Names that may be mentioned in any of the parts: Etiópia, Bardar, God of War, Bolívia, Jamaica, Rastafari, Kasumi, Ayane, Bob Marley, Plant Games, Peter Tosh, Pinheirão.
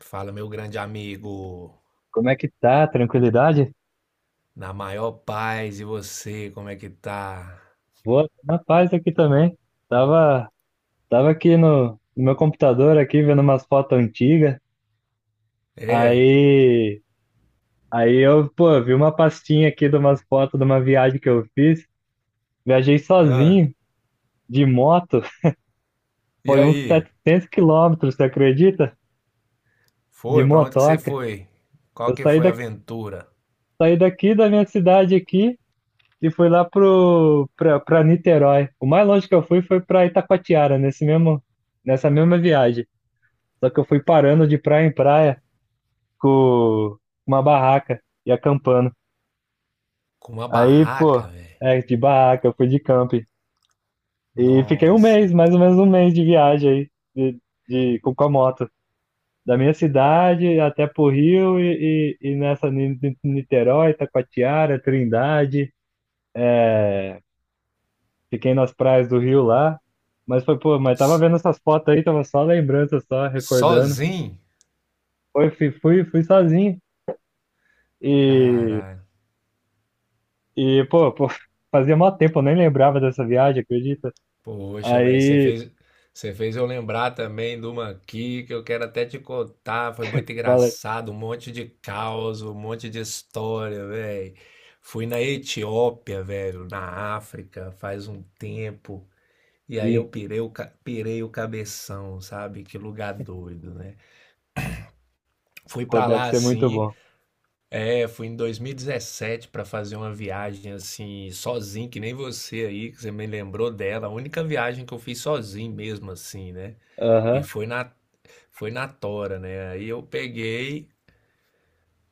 Fala, meu grande amigo. Como é que tá? Tranquilidade? Na maior paz, e você, como é que tá? Boa, na paz aqui também. Tava, tava aqui no meu computador aqui vendo umas fotos antigas. É? Aí, aí eu, pô, vi uma pastinha aqui de umas fotos de uma viagem que eu fiz. Viajei Ah. sozinho de moto. E Foi uns aí? 700 km, você acredita? De Foi? Pra onde que você motoca. foi? Qual Eu que saí foi a daqui, aventura? saí daqui da minha cidade aqui e fui lá pro para Niterói. O mais longe que eu fui foi pra Itacoatiara, nesse mesmo nessa mesma viagem. Só que eu fui parando de praia em praia com uma barraca e acampando. Com uma Aí, pô, barraca, velho. De barraca, eu fui de camping. E fiquei um Nossa. mês, mais ou menos um mês de viagem aí, com a moto. Da minha cidade até pro Rio e nessa Niterói, Taquatiara, Trindade. é, Fiquei nas praias do Rio lá. Mas foi, pô, mas tava S- vendo essas fotos aí, tava só lembrança, só recordando. Sozinho? Foi, fui sozinho. E Caralho. E pô, fazia mó tempo, eu nem lembrava dessa viagem, acredita? Poxa, velho, Aí, você fez eu lembrar também de uma aqui que eu quero até te contar. Foi muito fala, engraçado, um monte de caos, um monte de história, velho. Fui na Etiópia, velho, na África, faz um tempo. E aí eu sim, pirei pirei o cabeção, sabe? Que lugar doido, né? Fui pô, pra deve lá ser muito assim. bom. É, fui em 2017 para fazer uma viagem assim, sozinho, que nem você aí, que você me lembrou dela. A única viagem que eu fiz sozinho mesmo, assim, né? E Aham, foi na Tora, né? Aí eu peguei,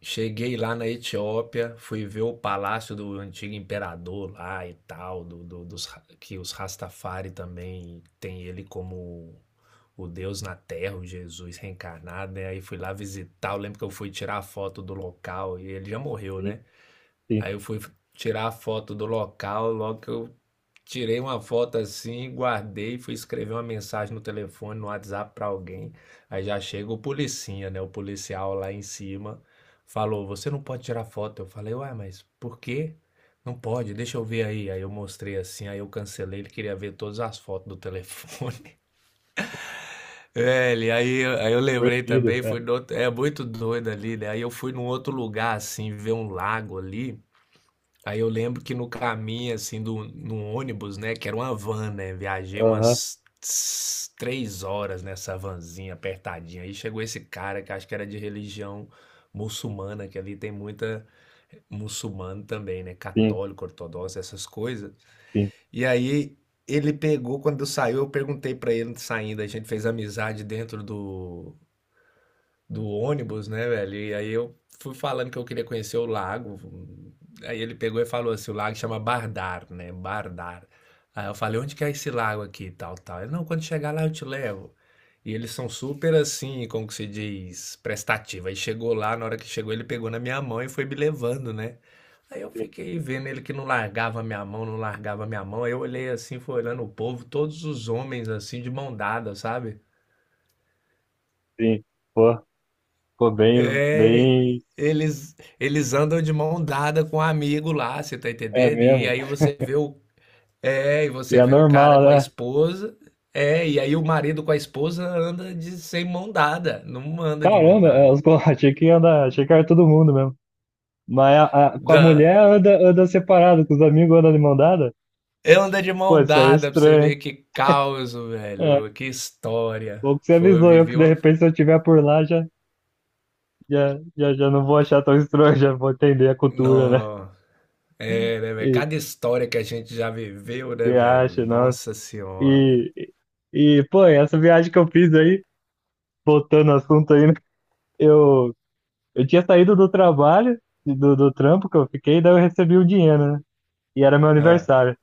cheguei lá na Etiópia, fui ver o palácio do antigo imperador lá e tal, que os Rastafari também tem ele como o Deus na Terra, o Jesus reencarnado, né? Aí fui lá visitar, eu lembro que eu fui tirar a foto do local e ele já morreu, sim, né? sim. Aí eu fui tirar a foto do local, logo que eu tirei uma foto assim, guardei, fui escrever uma mensagem no telefone, no WhatsApp pra alguém. Aí já chega o policinha, né? O policial lá em cima falou: "Você não pode tirar foto". Eu falei: "Ué, mas por quê? Não pode, deixa eu ver aí". Aí eu mostrei assim, aí eu cancelei, ele queria ver todas as fotos do telefone. Velho, aí eu lembrei Proibido, também, é. fui no outro- é muito doido ali, né? Aí eu fui num outro lugar, assim, ver um lago ali. Aí eu lembro que no caminho, assim, do, no ônibus, né, que era uma van, né, viajei Aham, umas três horas nessa vanzinha apertadinha. Aí chegou esse cara que acho que era de religião muçulmana, que ali tem muita muçulmano também, né, sim, católico, ortodoxo, essas coisas. sim, E aí ele pegou, quando eu saiu, eu perguntei pra ele saindo, a gente fez amizade dentro do ônibus, né, velho? E aí eu fui falando que eu queria conhecer o lago. Aí ele pegou e falou assim: o lago chama Bardar, né? Bardar. Aí eu falei: onde que é esse lago aqui? Tal, tal. Ele: não, quando chegar lá eu te levo. E eles são super assim, como que se diz, prestativo. Aí chegou lá, na hora que chegou, ele pegou na minha mão e foi me levando, né? Aí eu sim, fiquei vendo ele que não largava a minha mão, não largava a minha mão. Aí eu olhei assim, fui olhando o povo, todos os homens assim, de mão dada, sabe? sim. Pô, pô, bem, É, bem, eles, eles andam de mão dada com um amigo lá, você tá é entendendo? E mesmo. aí você e E você é vê o cara normal, com a né? esposa, é, e aí o marido com a esposa anda de sem mão dada, não anda de mão Caramba, dada. pô, achei que ia andar, achei que era todo mundo mesmo. Mas com a Da, mulher anda separado, com os amigos anda de mão dada? anda de Pô, mão isso aí é dada pra você estranho, ver que caos, hein? velho, É, que história. bom que você Foi, eu avisou eu vivi que de uma. repente se eu estiver por lá já. Já não vou achar tão estranho, já vou entender a cultura, né? Não, é, né, velho? E Cada história que a gente já viveu, né, você velho? acha, nossa. Nossa Senhora. E, e, pô, essa viagem que eu fiz aí, voltando ao assunto aí, né? eu, eu tinha saído do trabalho, do trampo que eu fiquei, daí eu recebi o dinheiro, né? E era meu Ah, aniversário.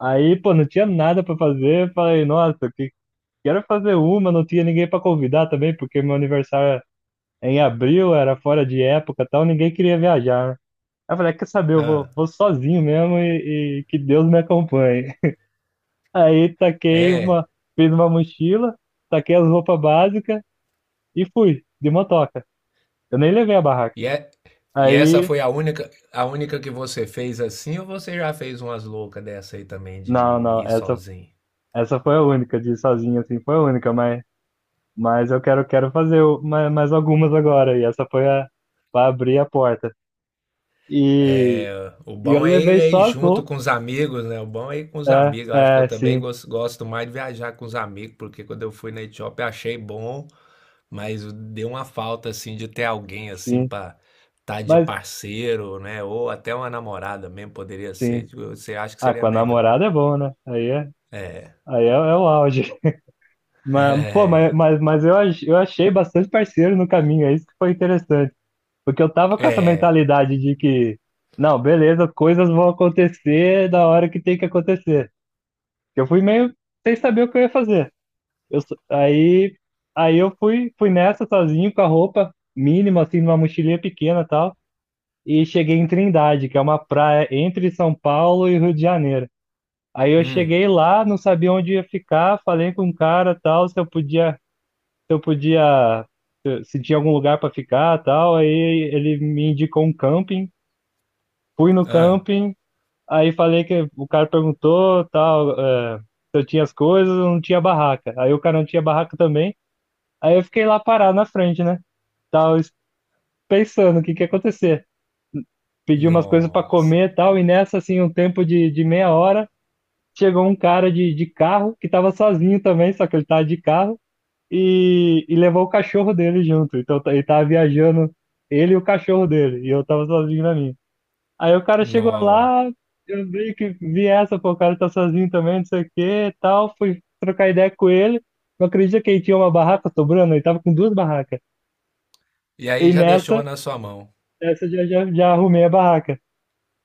Aí, pô, não tinha nada pra fazer, falei, nossa, que quero fazer uma, não tinha ninguém pra convidar também, porque meu aniversário é em abril, era fora de época e tal, ninguém queria viajar, né? Aí eu falei, "Ah, quer saber, eu vou, ah, vou sozinho mesmo e que Deus me acompanhe." Aí taquei é. uma, fiz uma mochila, taquei as roupas básicas e fui, de motoca. Eu nem levei a barraca. E, é, e essa Aí, foi a única que você fez assim, ou você já fez umas loucas dessa aí também de não, não, ir essa, sozinho? essa foi a única, de ir sozinho assim, foi a única, mas eu quero fazer mais algumas agora. E essa foi a, pra abrir a porta. E, É, o e eu bom levei é ir só as junto roupas. com os amigos, né? O bom é ir com os É, amigos. Eu acho que eu é, também sim, gosto mais de viajar com os amigos, porque quando eu fui na Etiópia achei bom, mas deu uma falta assim de ter alguém assim sim, para estar de mas parceiro, né? Ou até uma namorada mesmo poderia ser. sim. Tipo, você acha que Ah, seria com a melhor? namorada é bom, né? Aí é. Aí é o auge. Mas, pô, mas eu achei bastante parceiro no caminho, é isso que foi interessante. Porque eu tava com essa É. mentalidade de que, não, beleza, coisas vão acontecer da hora que tem que acontecer. Eu fui meio sem saber o que eu ia fazer. Eu, só- aí, aí, eu fui nessa sozinho com a roupa mínima, assim, numa mochilinha pequena e tal. E cheguei em Trindade, que é uma praia entre São Paulo e Rio de Janeiro. Aí eu Hum. cheguei lá, não sabia onde ia ficar, falei com um cara tal, se eu podia, se tinha algum lugar para ficar, tal, aí ele me indicou um camping, fui no Ah. camping, aí falei que o cara perguntou, tal, se eu tinha as coisas, eu não tinha barraca. Aí o cara não tinha barraca também, aí eu fiquei lá parado na frente, né? Tal, pensando o que que ia acontecer. Pedi umas coisas para Nossa. comer, tal, e nessa assim, um tempo de meia hora, chegou um cara de carro que tava sozinho também, só que ele tava de carro. E levou o cachorro dele junto. Então ele tava viajando, ele e o cachorro dele, e eu tava sozinho na minha. Aí o cara chegou Nossa. lá, eu meio que vi essa, pô, o cara tá sozinho também, não sei o que, tal, fui trocar ideia com ele. Não acredito que ele tinha uma barraca sobrando, ele tava com duas barracas. E E aí já deixou nessa, uma na sua mão. essa eu já arrumei a barraca.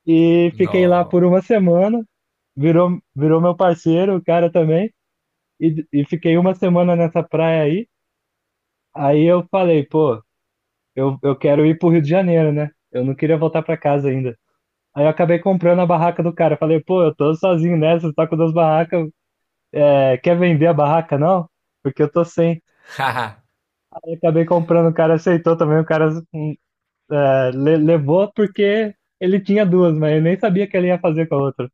E Nó. fiquei lá por uma semana, virou meu parceiro, o cara também, e fiquei uma semana nessa praia aí. Aí eu falei, pô, eu quero ir pro Rio de Janeiro, né? Eu não queria voltar pra casa ainda. Aí eu acabei comprando a barraca do cara. Falei, pô, eu tô sozinho nessa, você tá com duas barracas. É, quer vender a barraca, não? Porque eu tô sem. Haha, Aí eu acabei comprando, o cara aceitou também, o cara levou porque ele tinha duas, mas eu nem sabia que ele ia fazer com a outra.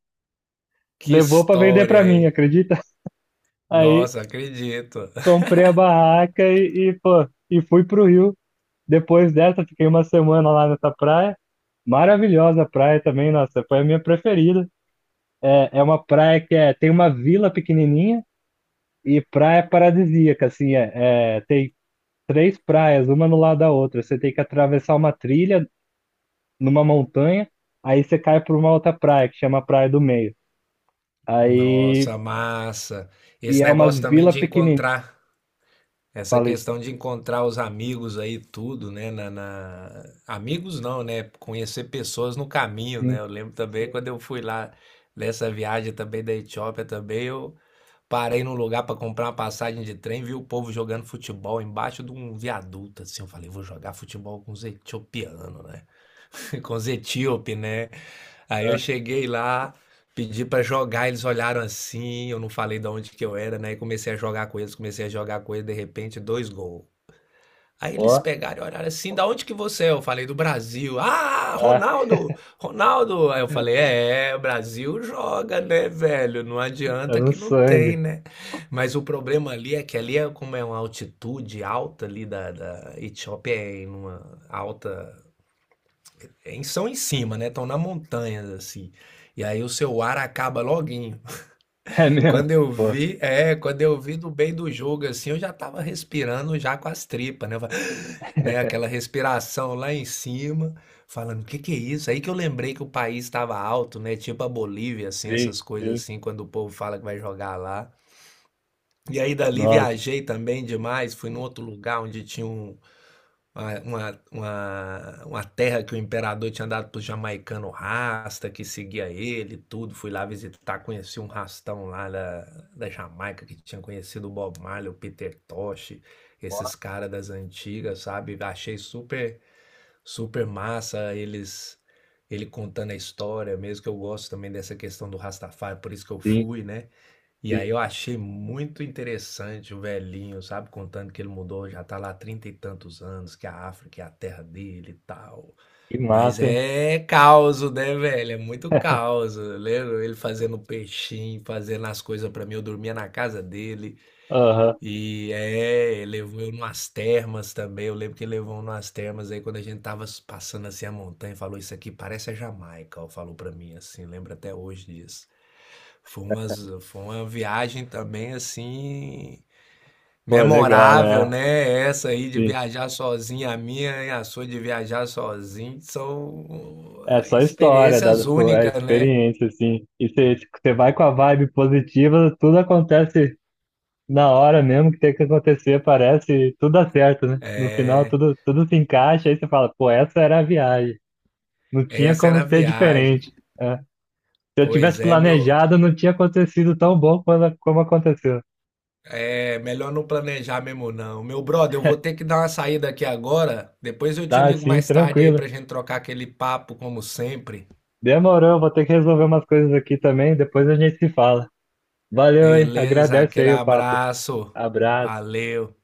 que Levou pra vender história, pra mim, hein? acredita? Aí Nossa, acredito. comprei a barraca pô, e fui pro Rio. Depois dessa, fiquei uma semana lá nessa praia. Maravilhosa a praia também, nossa, foi a minha preferida. É uma praia que tem uma vila pequenininha e praia paradisíaca, assim, tem três praias, uma no lado da outra. Você tem que atravessar uma trilha numa montanha, aí você cai para uma outra praia, que chama Praia do Meio. Aí, Nossa, massa. e Esse é umas negócio também vilas de pequenininhas. encontrar, essa Falei, questão de encontrar os amigos aí, tudo, né? Amigos não, né? Conhecer pessoas no caminho, né? sim, Eu lembro também sim, quando eu fui lá nessa viagem também da Etiópia também, eu parei num lugar para comprar uma passagem de trem, vi o povo jogando futebol embaixo de um viaduto, assim. Eu falei, vou jogar futebol com os etiopianos, né? Com os etíope, né? Aí eu ah, cheguei lá, pedi para jogar, eles olharam assim, eu não falei de onde que eu era, né? E comecei a jogar com eles, de repente, dois gols. Aí eles ó, pegaram e olharam assim, da onde que você é? Eu falei, do Brasil. Ah, ah, Ronaldo! Ronaldo! Aí eu falei, é, é, o Brasil joga, né, velho? Não tá adianta no que não tem, sangue. né? Mas o problema ali é que ali é como é uma altitude alta ali da Etiópia, é em uma alta... São em cima, né? Estão na montanha, assim. E aí o seu ar acaba logo É quando mesmo, eu pô, vi, quando eu vi do bem do jogo assim, eu já tava respirando já com as tripas, né? Eu falei, né, aquela respiração lá em cima, falando, o que que é isso? Aí que eu lembrei que o país estava alto, né? Tipo a Bolívia, assim, sim, essas coisas sim, assim, quando o povo fala que vai jogar lá. E aí dali nossa, viajei também demais, fui num outro lugar onde tinha uma terra que o imperador tinha dado pro jamaicano rasta, que seguia ele, e tudo. Fui lá visitar, conheci um rastão lá da Jamaica, que tinha conhecido o Bob Marley, o Peter Tosh, esses caras das antigas, sabe? Achei super massa ele contando a história, mesmo que eu gosto também dessa questão do Rastafari, por isso que eu sim, fui, né? E aí sim, eu achei muito interessante o velhinho, sabe, contando que ele mudou, já tá lá há 30 e tantos anos, que a África é a terra dele e tal. que Mas massa, hein? é caos, né, velho? É muito caos. Eu lembro ele fazendo peixinho, fazendo as coisas pra mim, eu dormia na casa dele. Aham. E é, levou eu numas termas também. Eu lembro que levou numas termas aí quando a gente tava passando assim a montanha, falou isso aqui parece a Jamaica, ó, falou pra mim assim, lembro até hoje disso. Foi umas, foi uma viagem também assim Pô, legal, memorável, né? né? Essa aí de Sim. viajar sozinho, a minha e a sua de viajar sozinho são É só história, experiências pô, é únicas, né? experiência, assim. E você vai com a vibe positiva, tudo acontece na hora mesmo que tem que acontecer, parece, e tudo dá certo, né? No final, É, tudo se encaixa, aí você fala, pô, essa era a viagem. Não tinha essa era a como ser viagem. diferente. É. Se eu tivesse Pois é, meu planejado, não tinha acontecido tão bom quando, como aconteceu. é melhor não planejar mesmo, não. Meu brother, eu vou ter que dar uma saída aqui agora. Depois eu te Tá, ligo assim, mais tarde aí tranquilo. pra gente trocar aquele papo, como sempre. Demorou, vou ter que resolver umas coisas aqui também, depois a gente se fala. Valeu, hein? Beleza, Agradece aquele aí o papo. abraço. Abraço. Valeu.